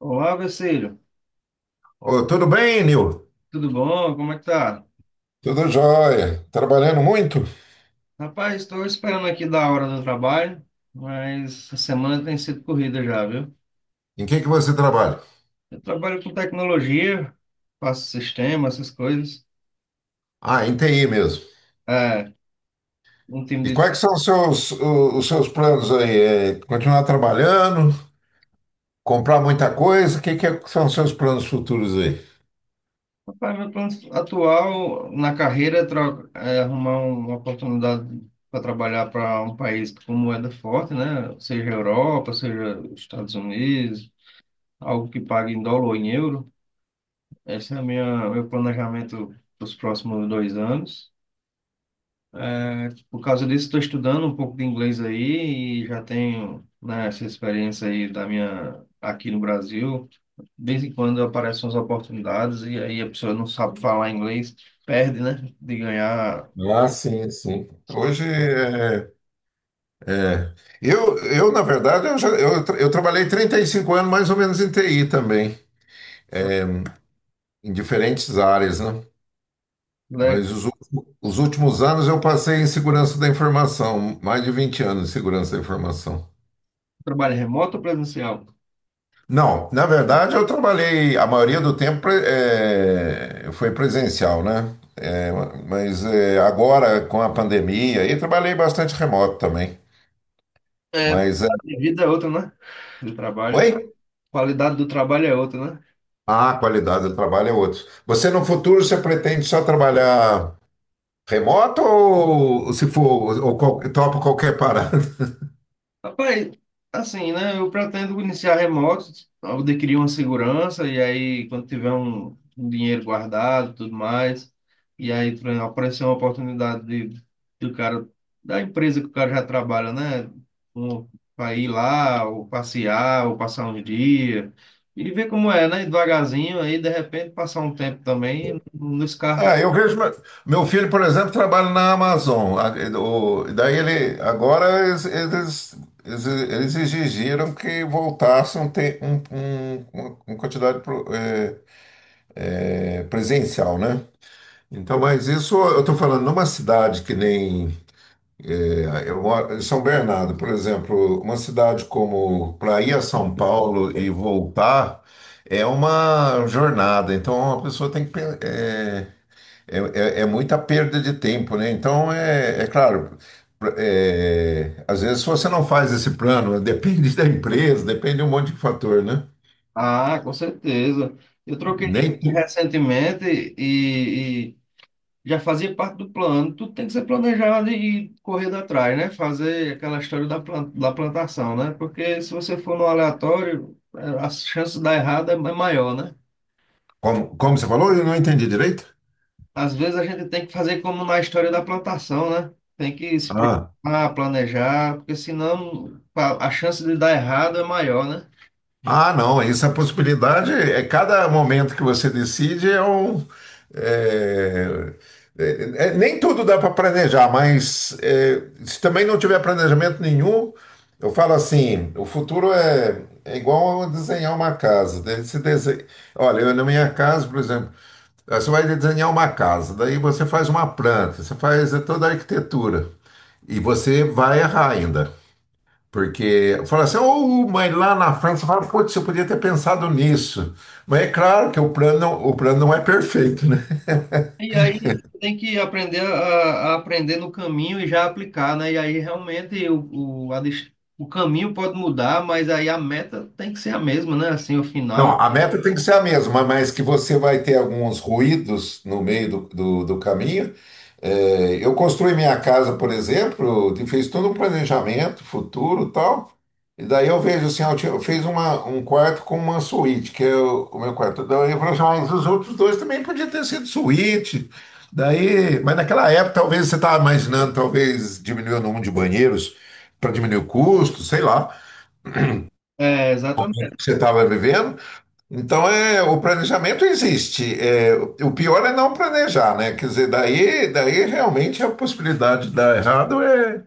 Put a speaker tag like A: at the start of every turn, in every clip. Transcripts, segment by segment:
A: Olá, Vecílio.
B: Ô, tudo bem, Nil?
A: Tudo bom? Como é que tá?
B: Tudo jóia. Trabalhando muito?
A: Rapaz, estou esperando aqui da hora do trabalho, mas a semana tem sido corrida já, viu?
B: Em que você trabalha?
A: Eu trabalho com tecnologia, faço sistema, essas coisas.
B: Ah, em TI mesmo.
A: É, um
B: E
A: time de...
B: quais que são os seus, os seus planos aí? É continuar trabalhando? Comprar muita coisa? O que que são os seus planos futuros aí?
A: Rapaz, meu plano atual na carreira é, é arrumar uma oportunidade para trabalhar para um país com moeda forte, né? Seja Europa, seja Estados Unidos, algo que pague em dólar ou em euro. Esse é o meu planejamento para os próximos dois anos. É, por causa disso, estou estudando um pouco de inglês aí e já tenho, né, essa experiência aí da minha aqui no Brasil. De vez em quando aparecem as oportunidades e aí a pessoa não sabe falar inglês, perde, né, de ganhar,
B: Ah, sim, sim. Hoje é, é. Eu, na verdade, eu trabalhei 35 anos mais ou menos em TI também, em diferentes áreas, né?
A: né,
B: Mas os últimos anos eu passei em segurança da informação, mais de 20 anos em segurança da informação.
A: trabalho remoto ou presencial.
B: Não, na verdade eu trabalhei, a maioria do tempo foi presencial, né? Mas agora com a pandemia, aí trabalhei bastante remoto também.
A: É, a
B: Mas,
A: vida é outra, né, do trabalho.
B: oi?
A: Qualidade do trabalho é outra, né.
B: Ah, a qualidade do trabalho é outra. Você no futuro, você pretende só trabalhar remoto ou se for, ou topa qualquer parada?
A: Rapaz, assim, né? Eu pretendo iniciar remoto, eu adquirir uma segurança, e aí, quando tiver um dinheiro guardado tudo mais, e aí por exemplo, aparecer uma oportunidade de, do cara, da empresa que o cara já trabalha, né? Um, para ir lá, ou passear, ou passar um dia, e ver como é, né? Devagarzinho, aí de repente passar um tempo também, não descarto.
B: Ah, eu vejo. Meu filho, por exemplo, trabalha na Amazon. Daí ele. Agora eles exigiram que voltasse uma quantidade presencial, né? Então, mas isso eu estou falando numa cidade que nem. Eu moro em São Bernardo, por exemplo, uma cidade como para ir a São Paulo e voltar é uma jornada. Então, a pessoa tem que. É, é muita perda de tempo, né? Então, é, é claro, às vezes se você não faz esse plano, depende da empresa, depende de um monte de fator, né?
A: Ah, com certeza. Eu troquei
B: Nem, tu-
A: recentemente e já fazia parte do plano. Tudo tem que ser planejado e correr atrás, né? Fazer aquela história da, da plantação, né? Porque se você for no aleatório, as chances de dar errado é maior, né?
B: Como, como você falou, eu não entendi direito.
A: Às vezes a gente tem que fazer como na história da plantação, né? Tem que se preocupar, planejar, porque senão a chance de dar errado é maior, né?
B: Ah, não, essa possibilidade é cada momento que você decide é um. é- Nem tudo dá para planejar, mas é, se também não tiver planejamento nenhum, eu falo assim: o futuro é, é igual a desenhar uma casa. Daí você desenha, olha, eu, na minha casa, por exemplo, você vai desenhar uma casa, daí você faz uma planta, você faz toda a arquitetura e você vai errar ainda. Porque fala assim, ô mãe, lá na França, fala, putz, você podia ter pensado nisso. Mas é claro que o plano não é perfeito, né?
A: E aí você tem que aprender a aprender no caminho e já aplicar, né? E aí realmente a o caminho pode mudar, mas aí a meta tem que ser a mesma, né? Assim, o
B: Não,
A: final.
B: a meta tem que ser a mesma, mas que você vai ter alguns ruídos no meio do caminho. É, eu construí minha casa, por exemplo, e fiz todo um planejamento futuro e tal. E daí eu vejo assim, eu fiz uma, um quarto com uma suíte, que é o meu quarto. Daí eu falei assim, "Ah, mas os outros dois também podiam ter sido suíte. Daí, mas naquela época talvez você estava imaginando, talvez diminuir o número de banheiros para diminuir o custo, sei lá,
A: É, exatamente.
B: que você estava vivendo. Então, é, o planejamento existe. É, o pior é não planejar, né? Quer dizer, daí realmente a possibilidade de dar errado é,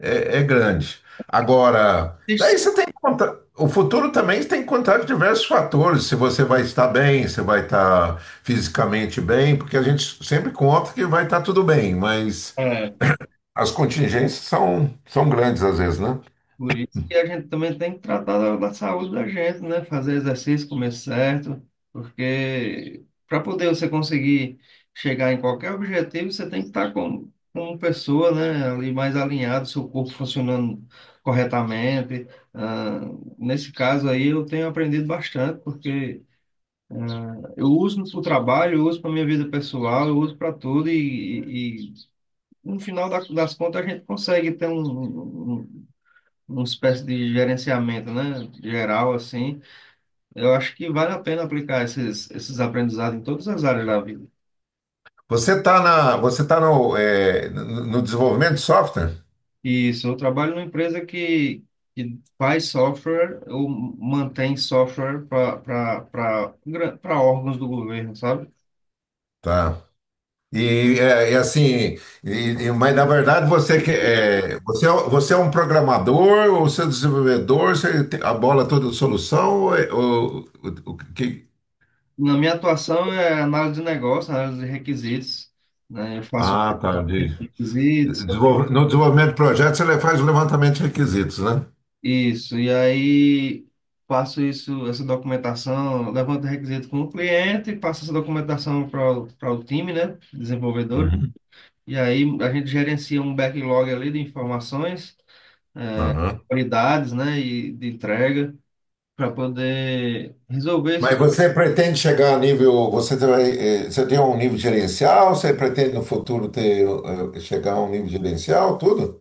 B: é, é grande. Agora, daí você tem que contar. O futuro também tem que contar com diversos fatores. Se você vai estar bem, se vai estar fisicamente bem, porque a gente sempre conta que vai estar tudo bem, mas as contingências são, são grandes às vezes, né?
A: Por isso que a gente também tem que tratar da, da saúde da gente, né? Fazer exercício, comer certo, porque para poder você conseguir chegar em qualquer objetivo, você tem que estar como, como pessoa, né? Ali mais alinhado, seu corpo funcionando corretamente. Ah, nesse caso aí, eu tenho aprendido bastante, porque eu uso para o trabalho, eu uso para minha vida pessoal, eu uso para tudo e no final das contas a gente consegue ter um, uma espécie de gerenciamento, né, geral, assim, eu acho que vale a pena aplicar esses, esses aprendizados em todas as áreas da vida.
B: Você está na, você tá no, é, no desenvolvimento de software?
A: Isso, eu trabalho numa empresa que faz software ou mantém software para órgãos do governo, sabe?
B: Tá. E, é, e, assim, mas na verdade você que é, você, você é um programador ou você é um desenvolvedor, você tem a bola toda de solução ou, o que
A: Na minha atuação é análise de negócio, análise de requisitos, né, eu faço
B: Ah, tá.
A: requisitos.
B: No desenvolvimento de projetos ele faz o levantamento de requisitos, né?
A: Isso, e aí passo isso, essa documentação, levanto o requisito com o cliente, passo essa documentação para o time, né, desenvolvedor,
B: Uhum.
A: e aí a gente gerencia um backlog ali de informações,
B: Aham.
A: qualidades, né, e de entrega, para poder resolver
B: Mas
A: esses...
B: você pretende chegar a nível, você tem, você tem um nível gerencial, você pretende no futuro ter, chegar a um nível gerencial, tudo?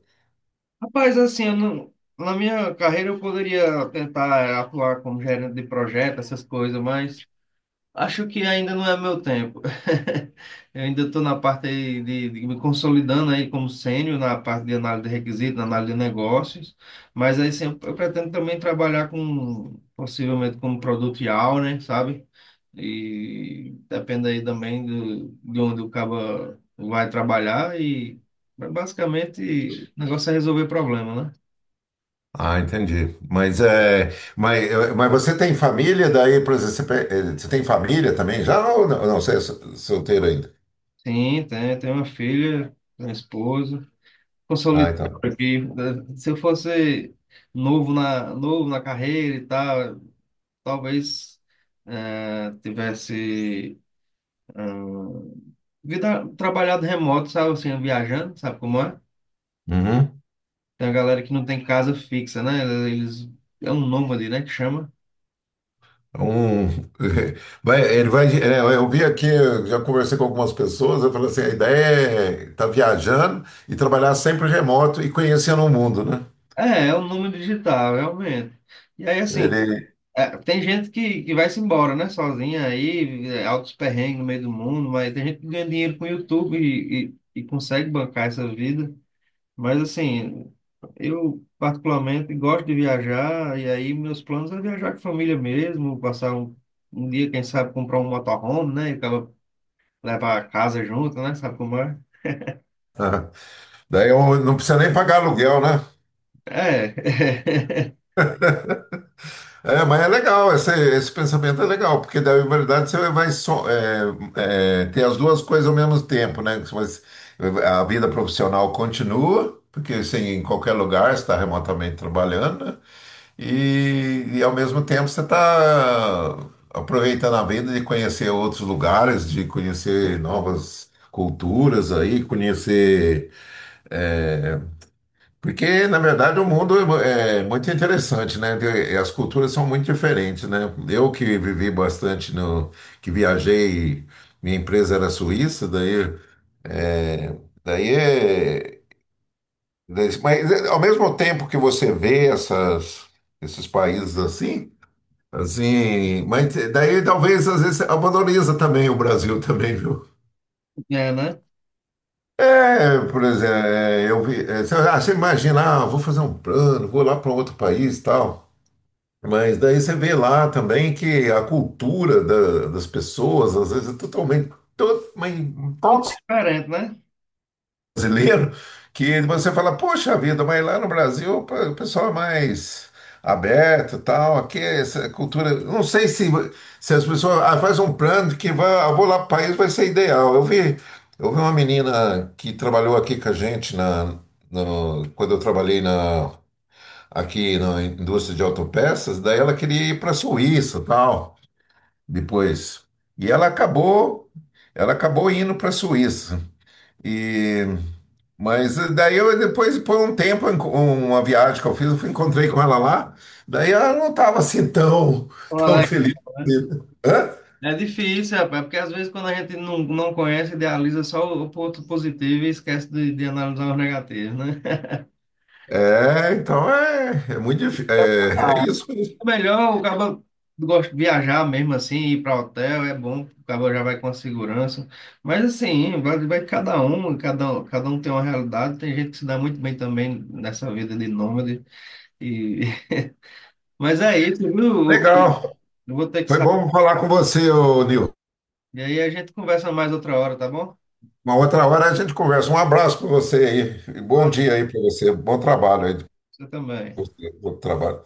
A: Rapaz, assim, eu não, na minha carreira eu poderia tentar atuar como gerente de projeto, essas coisas, mas... Acho que ainda não é meu tempo. Eu ainda estou na parte aí de me consolidando aí como sênior na parte de análise de requisitos, na análise de negócios, mas aí sim, eu pretendo também trabalhar com, possivelmente como produtial, né, sabe? E depende aí também do, de onde o cabo vai trabalhar e mas basicamente o negócio é resolver problema, né?
B: Ah, entendi. Mas é, mas, é, mas você tem família daí, por exemplo, você tem família também já ou não, não, você é solteiro ainda?
A: Sim, tem, tem uma filha, tenho uma esposa.
B: Ah,
A: Consolidado
B: então.
A: aqui, né? Se eu fosse novo na carreira e tal, talvez tivesse vida, trabalhado remoto, sabe, assim, viajando, sabe como é?
B: Uhum.
A: Tem a galera que não tem casa fixa, né? Eles, é um nômade, né, que chama.
B: Um, vai, ele vai, é, eu vi aqui, eu já conversei com algumas pessoas, eu falei assim, a ideia é estar viajando e trabalhar sempre remoto e conhecendo o mundo, né?
A: É, é um nômade digital, realmente. E aí, assim,
B: Ele,
A: tem gente que vai-se embora, né, sozinha aí, altos perrengues no meio do mundo, mas tem gente que ganha dinheiro com o YouTube e consegue bancar essa vida. Mas assim, eu particularmente gosto de viajar, e aí meus planos é viajar com a família mesmo, passar um dia, quem sabe, comprar um motorhome, né? E acaba levar a casa junto, né? Sabe como é?
B: ah, daí eu não precisa nem pagar aluguel, né?
A: É,
B: É, mas é legal, esse pensamento é legal, porque daí, na verdade, você vai só, é, é, ter as duas coisas ao mesmo tempo, né? Mas a vida profissional continua, porque assim, em qualquer lugar você está remotamente trabalhando, né? E, e ao mesmo tempo você está aproveitando a vida de conhecer outros lugares, de conhecer novas culturas aí, conhecer é, porque, na verdade, o mundo é muito interessante, né? E as culturas são muito diferentes, né? Eu que vivi bastante no, que viajei, minha empresa era suíça, é, daí, é, mas é, ao mesmo tempo que você vê essas, esses países assim, assim, mas daí talvez às vezes valoriza também o Brasil também, viu?
A: é, né?
B: É, por exemplo, é, eu vi, é, sei lá, você imagina, ah, vou fazer um plano, vou lá para outro país e tal. Mas daí você vê lá também que a cultura das pessoas, às vezes, é totalmente, todo mas tão
A: Muito diferente, né?
B: brasileiro, que você fala, poxa vida, mas lá no Brasil o pessoal é mais aberto e tal, aqui é essa cultura. Eu não sei se, se as pessoas ah, faz um plano que vai, ah, vou lá para o país, vai ser ideal. Eu vi uma menina que trabalhou aqui com a gente na, quando eu trabalhei na aqui na indústria de autopeças, daí ela queria ir para a Suíça, tal, depois. E ela acabou, ela acabou indo para a Suíça. E mas daí eu depois por um tempo uma viagem que eu fiz, encontrei com ela lá. Daí ela não estava assim tão
A: Olha,
B: feliz. Hã?
A: é difícil, rapaz, porque às vezes quando a gente não, não conhece, idealiza só o ponto positivo e esquece de analisar os negativos, né?
B: É, então é, é muito difícil. É, é isso mesmo.
A: É melhor o cara gosta de viajar mesmo assim, ir para hotel, é bom, o cara já vai com a segurança. Mas assim, vai, vai cada um, cada um tem uma realidade, tem gente que se dá muito bem também nessa vida de nômade. E... Mas é isso, viu?
B: Legal.
A: Eu vou ter que
B: Foi
A: sair.
B: bom falar com você, ô Nil.
A: E aí a gente conversa mais outra hora, tá bom?
B: Uma outra hora a gente conversa. Um abraço para você aí. Bom dia aí para você. Bom trabalho aí.
A: Você também.
B: Bom trabalho.